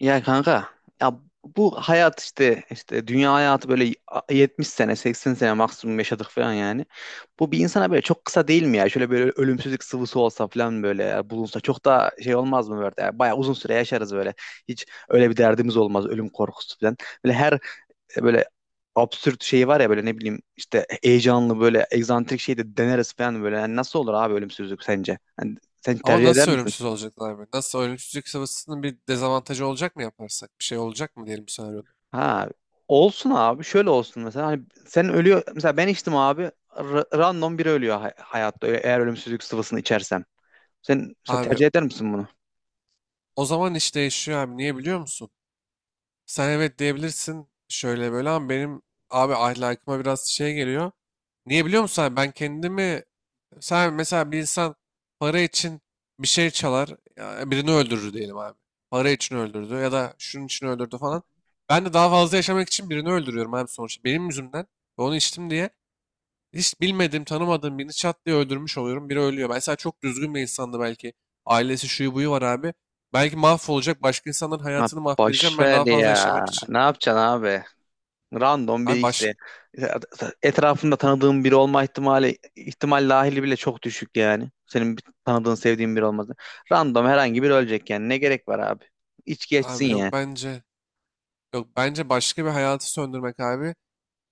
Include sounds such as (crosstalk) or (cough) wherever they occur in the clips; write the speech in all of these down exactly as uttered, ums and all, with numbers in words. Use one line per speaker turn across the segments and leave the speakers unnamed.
Ya kanka ya bu hayat işte işte dünya hayatı böyle yetmiş sene seksen sene maksimum yaşadık falan yani. Bu bir insana böyle çok kısa değil mi ya? Şöyle böyle ölümsüzlük sıvısı olsa falan böyle ya, bulunsa çok da şey olmaz mı böyle? Yani bayağı uzun süre yaşarız böyle. Hiç öyle bir derdimiz olmaz, ölüm korkusu falan. Böyle her e, böyle absürt şey var ya, böyle ne bileyim işte heyecanlı, böyle egzantrik şey de deneriz falan böyle. Yani nasıl olur abi ölümsüzlük sence? Yani sen
Ama
tercih eder
nasıl
misin?
ölümsüz olacaklar abi? Nasıl ölümsüzlük sıvısının bir dezavantajı olacak mı yaparsak? Bir şey olacak mı diyelim senaryoda?
Ha, olsun abi, şöyle olsun mesela, hani sen ölüyor mesela, ben içtim abi, r- random biri ölüyor hay- hayatta e- eğer ölümsüzlük sıvısını içersem. Sen mesela
Abi
tercih eder misin bunu?
o zaman iş değişiyor abi. Niye biliyor musun? Sen evet diyebilirsin şöyle böyle ama benim abi ahlakıma biraz şey geliyor. Niye biliyor musun abi? Ben kendimi sen mesela bir insan para için bir şey çalar ya birini öldürür diyelim abi. Para için öldürdü ya da şunun için öldürdü falan. Ben de daha fazla yaşamak için birini öldürüyorum abi sonuçta. Benim yüzümden ve onu içtim diye. Hiç bilmediğim, tanımadığım birini çat diye öldürmüş oluyorum. Biri ölüyor. Mesela çok düzgün bir insandı belki. Ailesi şuyu buyu var abi. Belki mahvolacak. Başka insanların
Ha,
hayatını mahvedeceğim
boş
ben
ver
daha fazla
ya.
yaşamak için.
Ne yapacaksın abi? Random biri
Abi
işte.
baş...
Etrafında tanıdığın biri olma ihtimali, ihtimal dahili bile çok düşük yani. Senin bir tanıdığın, sevdiğin biri olması. Random herhangi biri ölecek yani. Ne gerek var abi? İç geçsin
Abi
ya.
yok bence... Yok bence başka bir hayatı söndürmek abi.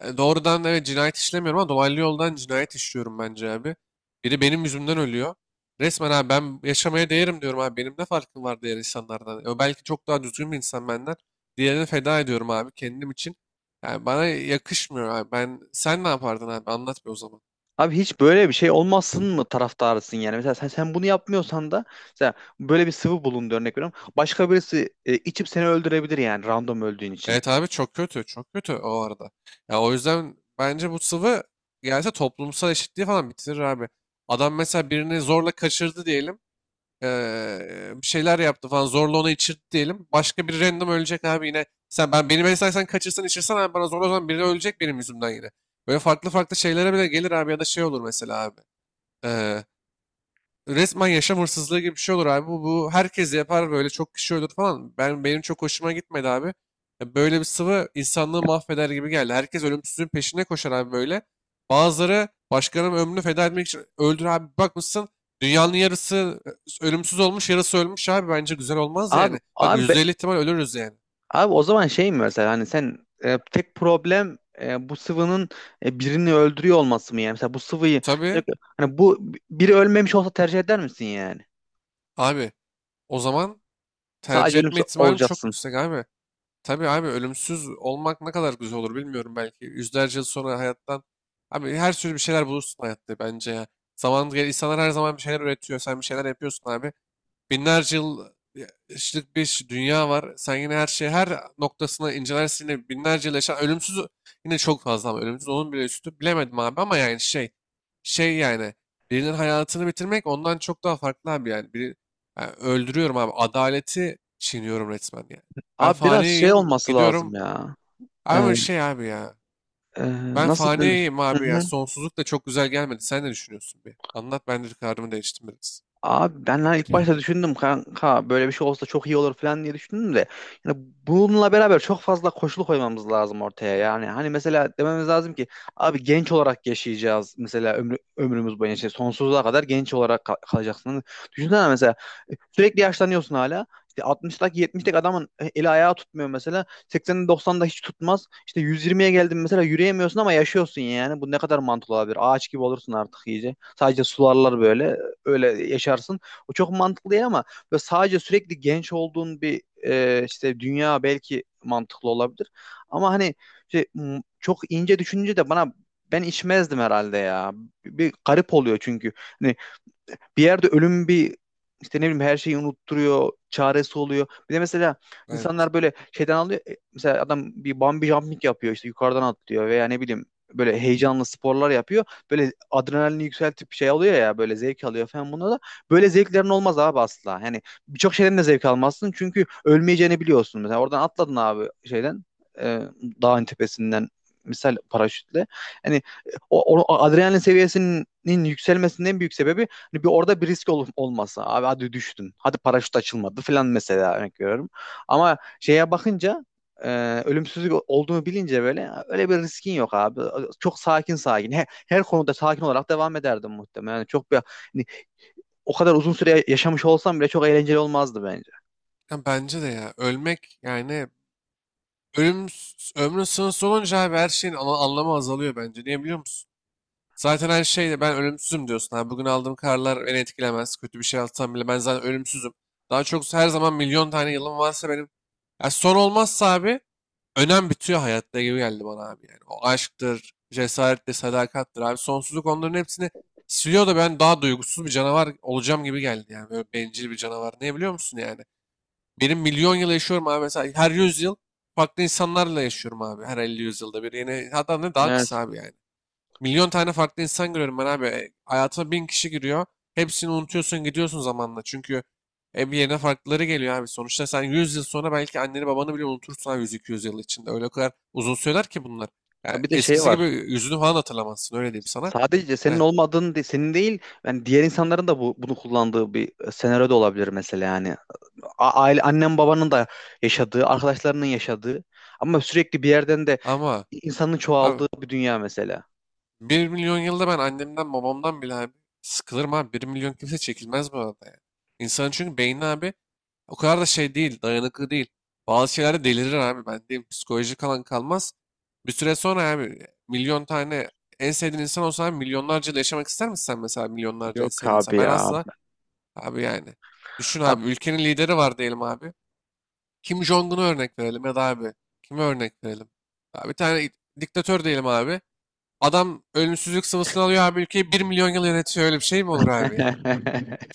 E, doğrudan evet cinayet işlemiyorum ama dolaylı yoldan cinayet işliyorum bence abi. Biri benim yüzümden ölüyor. Resmen abi ben yaşamaya değerim diyorum abi. Benim ne farkım var diğer insanlardan? E, o belki çok daha düzgün bir insan benden. Diğerini feda ediyorum abi kendim için. Yani bana yakışmıyor abi. Ben sen ne yapardın abi? Anlat bir o zaman.
Abi, hiç böyle bir şey olmasın mı taraftarısın yani? Mesela sen, sen bunu yapmıyorsan da mesela böyle bir sıvı bulundu, örnek veriyorum. Başka birisi e, içip seni öldürebilir yani, random öldüğün için.
Evet abi çok kötü. Çok kötü o arada. Ya o yüzden bence bu sıvı gelse toplumsal eşitliği falan bitirir abi. Adam mesela birini zorla kaçırdı diyelim. Eee, bir şeyler yaptı falan zorla ona içirdi diyelim. Başka bir random ölecek abi yine. Sen ben beni mesela sen kaçırsan içirsen abi bana zorla o zaman biri ölecek benim yüzümden yine. Böyle farklı farklı şeylere bile gelir abi ya da şey olur mesela abi. Resmen yaşam hırsızlığı gibi bir şey olur abi. Bu, bu herkes yapar böyle çok kişi ölür falan. Ben benim çok hoşuma gitmedi abi. Ya böyle bir sıvı insanlığı mahveder gibi geldi. Herkes ölümsüzlüğün peşine koşar abi böyle. Bazıları başkalarının ömrünü feda etmek için öldür abi. Bir bakmışsın dünyanın yarısı e, ölümsüz olmuş, yarısı ölmüş abi. Bence güzel olmaz
Abi
yani. Bak
abi be-
yüzde elli ihtimal ölürüz yani.
Abi, o zaman şey mi mesela, hani sen, e, tek problem, e, bu sıvının e, birini öldürüyor olması mı yani? Mesela bu sıvıyı,
Tabii
hani bu, biri ölmemiş olsa tercih eder misin yani?
abi o zaman tercih
Sadece
etme
ölümsüz
ihtimalim çok
olacaksın.
yüksek abi. Tabii abi ölümsüz olmak ne kadar güzel olur bilmiyorum belki. Yüzlerce yıl sonra hayattan. Abi her türlü bir şeyler bulursun hayatta bence ya. Zaman gel insanlar her zaman bir şeyler üretiyor. Sen bir şeyler yapıyorsun abi. Binlerce yıllık bir dünya var. Sen yine her şeyi her noktasına incelersin. Yine binlerce yıl yaşayan ölümsüz yine çok fazla ama ölümsüz onun bile üstü. Bilemedim abi ama yani şey şey yani birinin hayatını bitirmek ondan çok daha farklı abi yani. Biri, yani öldürüyorum abi. Adaleti çiğniyorum resmen yani. Ben
Abi biraz şey
faniyim
olması lazım
gidiyorum.
ya. Ee,
Ama şey abi ya.
e,
Ben
Nasıl denir?
faniyim
Hı
abi ya.
hı.
Sonsuzluk da çok güzel gelmedi. Sen ne düşünüyorsun bir? Anlat ben de kararımı değiştim biraz.
Abi ben hani ilk başta düşündüm kanka, böyle bir şey olsa çok iyi olur falan diye düşündüm de, yani bununla beraber çok fazla koşul koymamız lazım ortaya. Yani hani mesela dememiz lazım ki abi, genç olarak yaşayacağız, mesela ömrü, ömrümüz boyunca işte sonsuza kadar genç olarak kal- kalacaksın. Hani düşünsene mesela, e, sürekli yaşlanıyorsun hala işte, altmıştaki yetmişteki adamın e, eli ayağı tutmuyor, mesela seksende doksanda hiç tutmaz işte, yüz yirmiye geldin mesela yürüyemiyorsun ama yaşıyorsun. Yani bu ne kadar mantıklı olabilir? Ağaç gibi olursun artık iyice, sadece sularlar böyle, öyle yaşarsın. O çok mantıklı değil ama böyle sadece sürekli genç olduğun bir e, işte dünya belki mantıklı olabilir. Ama hani şey, m- çok ince düşününce de bana ben içmezdim herhalde ya. Bir garip oluyor çünkü. Hani bir yerde ölüm bir, işte ne bileyim, her şeyi unutturuyor, çaresi oluyor. Bir de mesela
Evet.
insanlar böyle şeyden alıyor. e, Mesela adam bir bungee jumping yapıyor işte, yukarıdan atlıyor veya ne bileyim böyle heyecanlı sporlar yapıyor. Böyle adrenalini yükseltip şey alıyor ya, böyle zevk alıyor falan buna da. Böyle zevklerin olmaz abi, asla. Yani birçok şeyden de zevk almazsın çünkü ölmeyeceğini biliyorsun. Mesela oradan atladın abi, şeyden, e, dağın tepesinden, misal paraşütle. Hani o, o o adrenalin seviyesinin yükselmesinin en büyük sebebi, hani bir, orada bir risk ol- olmasa abi, hadi düştün, hadi paraşüt açılmadı falan, mesela örnek veriyorum. Ama şeye bakınca, e, ölümsüzlük olduğunu bilince böyle, öyle bir riskin yok abi. Çok sakin sakin. He- Her, konuda sakin olarak devam ederdim muhtemelen. Yani çok bir, hani, o kadar uzun süre yaşamış olsam bile çok eğlenceli olmazdı bence.
Ya bence de ya ölmek yani Ölüm s- ömrün sınırsız olunca abi her şeyin ana- anlamı azalıyor bence. Niye biliyor musun? Zaten her şeyde ben ölümsüzüm diyorsun. Abi bugün aldığım kararlar beni etkilemez. Kötü bir şey atsam bile ben zaten ölümsüzüm. Daha çok her zaman milyon tane yılım varsa benim. Ya son olmazsa abi önem bitiyor hayatta gibi geldi bana abi. Yani o aşktır, cesarettir, sadakattır abi. Sonsuzluk onların hepsini siliyor da ben daha duygusuz bir canavar olacağım gibi geldi. Yani böyle bencil bir canavar. Ne biliyor musun yani? Benim milyon yıl yaşıyorum abi. Mesela her yüz yıl farklı insanlarla yaşıyorum abi. Her elli yüzyılda bir. Yine hatta ne daha kısa
Evet.
abi yani. Milyon tane farklı insan görüyorum ben abi. E, hayatıma bin kişi giriyor. Hepsini unutuyorsun gidiyorsun zamanla. Çünkü e, bir yerine farklıları geliyor abi. Sonuçta sen yüz yıl sonra belki anneni babanı bile unutursun abi yüz iki yüz yıl içinde. Öyle o kadar uzun süreler ki bunlar. Yani
Ha, bir de şey
eskisi gibi
var.
yüzünü falan hatırlamazsın öyle diyeyim sana.
Sadece senin
Ne?
olmadığın, de- senin değil, yani diğer insanların da bu, bunu kullandığı bir senaryo da olabilir mesela yani. A- aile, annem babanın da yaşadığı, arkadaşlarının yaşadığı ama sürekli bir yerden de
Ama
insanın
abi
çoğaldığı bir dünya mesela.
bir milyon yılda ben annemden babamdan bile abi sıkılırım abi. Bir milyon kimse çekilmez bu arada yani. İnsanın çünkü beyni abi o kadar da şey değil, dayanıklı değil. Bazı şeylerde delirir abi ben diyeyim. Psikolojik alan kalmaz. Bir süre sonra abi milyon tane en sevdiğin insan olsa abi, milyonlarca yıl yaşamak ister misin sen mesela milyonlarca en
Yok
sevdiğin
abi
insan? Ben
ya.
asla abi yani. Düşün abi ülkenin lideri var diyelim abi. Kim Jong-un'u örnek verelim ya da abi kime örnek verelim? Abi bir tane diktatör diyelim abi. Adam ölümsüzlük sıvısını alıyor abi ülkeyi bir milyon yıl yönetiyor. Öyle bir şey mi olur abi yani?
(laughs)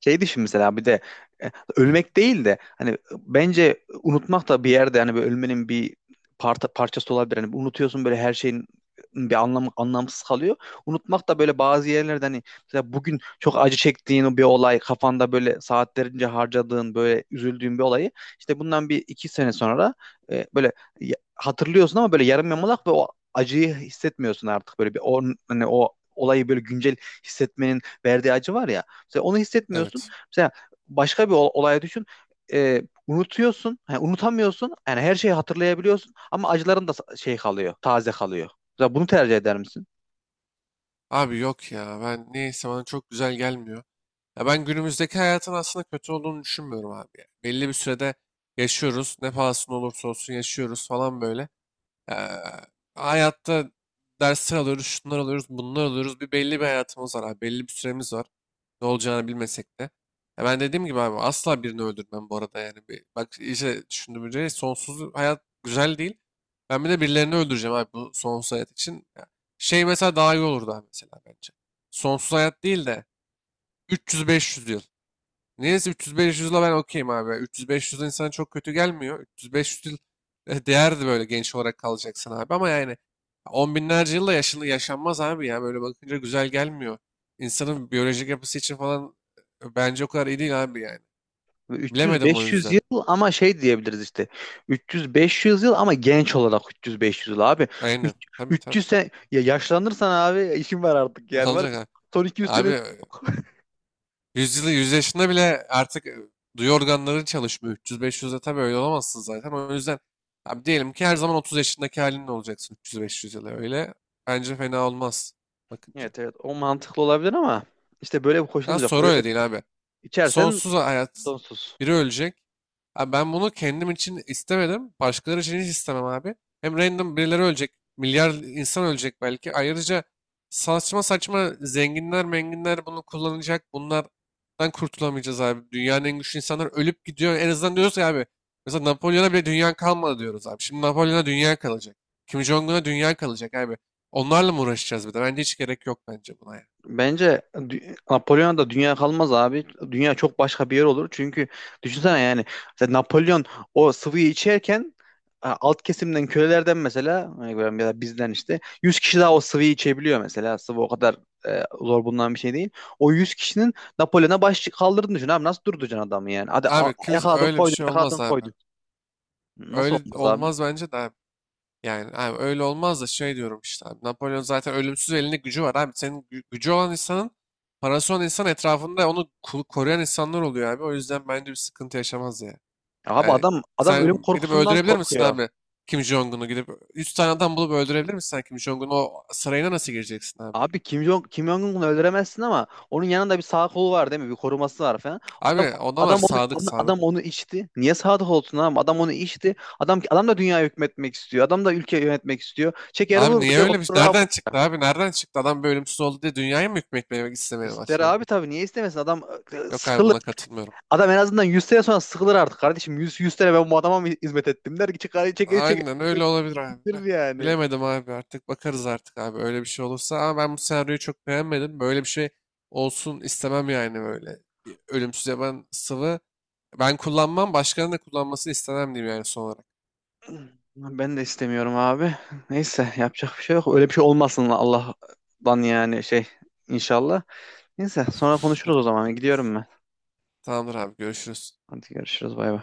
Şey düşün mesela, bir de e, ölmek değil de, hani bence unutmak da bir yerde, hani böyle ölmenin bir parça, parçası olabilir. Hani unutuyorsun, böyle her şeyin bir anlamı, anlamsız kalıyor. Unutmak da böyle bazı yerlerde, hani mesela bugün çok acı çektiğin o bir olay, kafanda böyle saatlerince harcadığın, böyle üzüldüğün bir olayı, işte bundan bir iki sene sonra e, böyle ya- hatırlıyorsun ama böyle yarım yamalak, ve o acıyı hissetmiyorsun artık. Böyle bir on, hani o olayı böyle güncel hissetmenin verdiği acı var ya, mesela onu hissetmiyorsun.
Evet.
Mesela başka bir ol- olay düşün. Ee, Unutuyorsun. Yani unutamıyorsun. Yani her şeyi hatırlayabiliyorsun ama acıların da sa- şey kalıyor, taze kalıyor. Mesela bunu tercih eder misin?
Abi yok ya. Ben neyse bana çok güzel gelmiyor. Ya ben günümüzdeki hayatın aslında kötü olduğunu düşünmüyorum abi ya. Belli bir sürede yaşıyoruz. Ne pahasına olursa olsun yaşıyoruz falan böyle. Eee, hayatta dersler alıyoruz, şunlar alıyoruz, bunlar alıyoruz. Bir belli bir hayatımız var abi. Belli bir süremiz var. Ne olacağını bilmesek de. Ya ben dediğim gibi abi asla birini öldürmem bu arada yani. Bir, bak iyice düşündüğümce sonsuz hayat güzel değil. Ben bir de birilerini öldüreceğim abi bu sonsuz hayat için. Ya şey mesela daha iyi olurdu abi mesela bence. Sonsuz hayat değil de üç yüz beş yüz yıl. Neyse üç yüz beş yüz ben okeyim abi. üç yüz beş yüz insan çok kötü gelmiyor. üç yüz beş yüz yıl e, değerdi böyle genç olarak kalacaksın abi. Ama yani on binlerce yılla yaşını yaşanmaz abi ya. Böyle bakınca güzel gelmiyor. İnsanın biyolojik yapısı için falan e, bence o kadar iyi değil abi yani. Bilemedim o
üç yüz beş yüz
yüzden.
yıl, ama şey diyebiliriz işte. üç yüz beş yüz yıl ama genç olarak, üç yüz beş yüz yıl abi.
Aynen.
Üç-
Tabii tabii.
300 sen ya yaşlanırsan abi işin var artık,
(laughs) Ne
yani var,
abi?
ya. Son iki yüz sene...
Abi yüz yüzyılı, yüz yaşında bile artık e, duyu organları çalışmıyor. üç yüz beş yüzde tabii öyle olamazsın zaten. O yüzden abi diyelim ki her zaman otuz yaşındaki halinle olacaksın üç yüz beş yüz yıla öyle. Bence fena olmaz bakınca.
Evet evet, o mantıklı olabilir ama işte böyle bir
Daha
koşulumuz yok.
sonra
Böyle
öyle değil abi.
içersen
Sonsuz hayat.
sonsuz.
Biri ölecek. Abi ben bunu kendim için istemedim. Başkaları için hiç istemem abi. Hem random birileri ölecek. Milyar insan ölecek belki. Ayrıca saçma saçma zenginler menginler bunu kullanacak. Bunlardan kurtulamayacağız abi. Dünyanın en güçlü insanlar ölüp gidiyor. En azından diyoruz ki abi. Mesela Napolyon'a bile dünya kalmadı diyoruz abi. Şimdi Napolyon'a dünya kalacak. Kim Jong-un'a dünya kalacak abi. Onlarla mı uğraşacağız bir de? Bence hiç gerek yok bence buna ya.
Bence dü- Napolyon'a da dünya kalmaz abi. Dünya çok başka bir yer olur. Çünkü düşünsene yani, mesela Napolyon o sıvıyı içerken, e, alt kesimden kölelerden mesela, e, ya da bizden işte yüz kişi daha o sıvıyı içebiliyor mesela. Sıvı o kadar e, zor bulunan bir şey değil. O yüz kişinin Napolyon'a baş kaldırdığını düşün abi. Nasıl durduracaksın adamı yani? Hadi a-
Abi kimse
yakaladın
öyle bir
koydun,
şey
yakaladın
olmaz abi.
koydun. Nasıl
Öyle
olmaz abi?
olmaz bence de abi. Yani abi öyle olmaz da şey diyorum işte abi. Napolyon zaten ölümsüz elinde gücü var abi. Senin gü- gücü olan insanın parası olan insan etrafında onu ku- koruyan insanlar oluyor abi. O yüzden bence bir sıkıntı yaşamaz ya.
Abi
Yani
adam adam ölüm
sen gidip
korkusundan
öldürebilir misin
korkuyor.
abi Kim Jong-un'u gidip yüz tane adam bulup öldürebilir misin sen Kim Jong-un'u o sarayına nasıl gireceksin abi?
Abi Kim Jong Kim Jong-un'u öldüremezsin ama onun yanında bir sağ kolu var değil mi? Bir koruması var falan.
Abi
Adam
adamlar
adam onu
sadık
onu-
sadık.
adam onu içti. Niye sağ kol olsun adam? Adam onu içti. Adam adam da dünya hükmetmek istiyor. Adam da ülke yönetmek istiyor. Çeker
Abi
vur
niye
ya
öyle bir
otur
şey?
abi.
Nereden çıktı abi? Nereden çıktı? Adam böyle ölümsüz oldu diye dünyaya mı hükmetmeye istemeye
İster
başladı?
abi tabii, niye istemesin? Adam e,
Yok abi
sıkılır.
buna katılmıyorum.
Adam en azından yüz sene sonra sıkılır artık kardeşim. Yüz yüz sene ben bu adama mı hizmet ettim der ki çıkar çeker çeker
Aynen öyle olabilir abi
bitirir
de.
yani.
Bilemedim abi artık bakarız artık abi öyle bir şey olursa. Ama ben bu senaryoyu çok beğenmedim. Böyle bir şey olsun istemem yani böyle. Ölümsüz yaban sıvı ben kullanmam başkalarının da kullanmasını istemem diyeyim yani son olarak.
Ben de istemiyorum abi. Neyse, yapacak bir şey yok. Öyle bir şey olmasın Allah'tan, yani şey, inşallah. Neyse, sonra konuşuruz o zaman. Gidiyorum ben.
Tamamdır abi görüşürüz.
Hadi görüşürüz. Bay bay.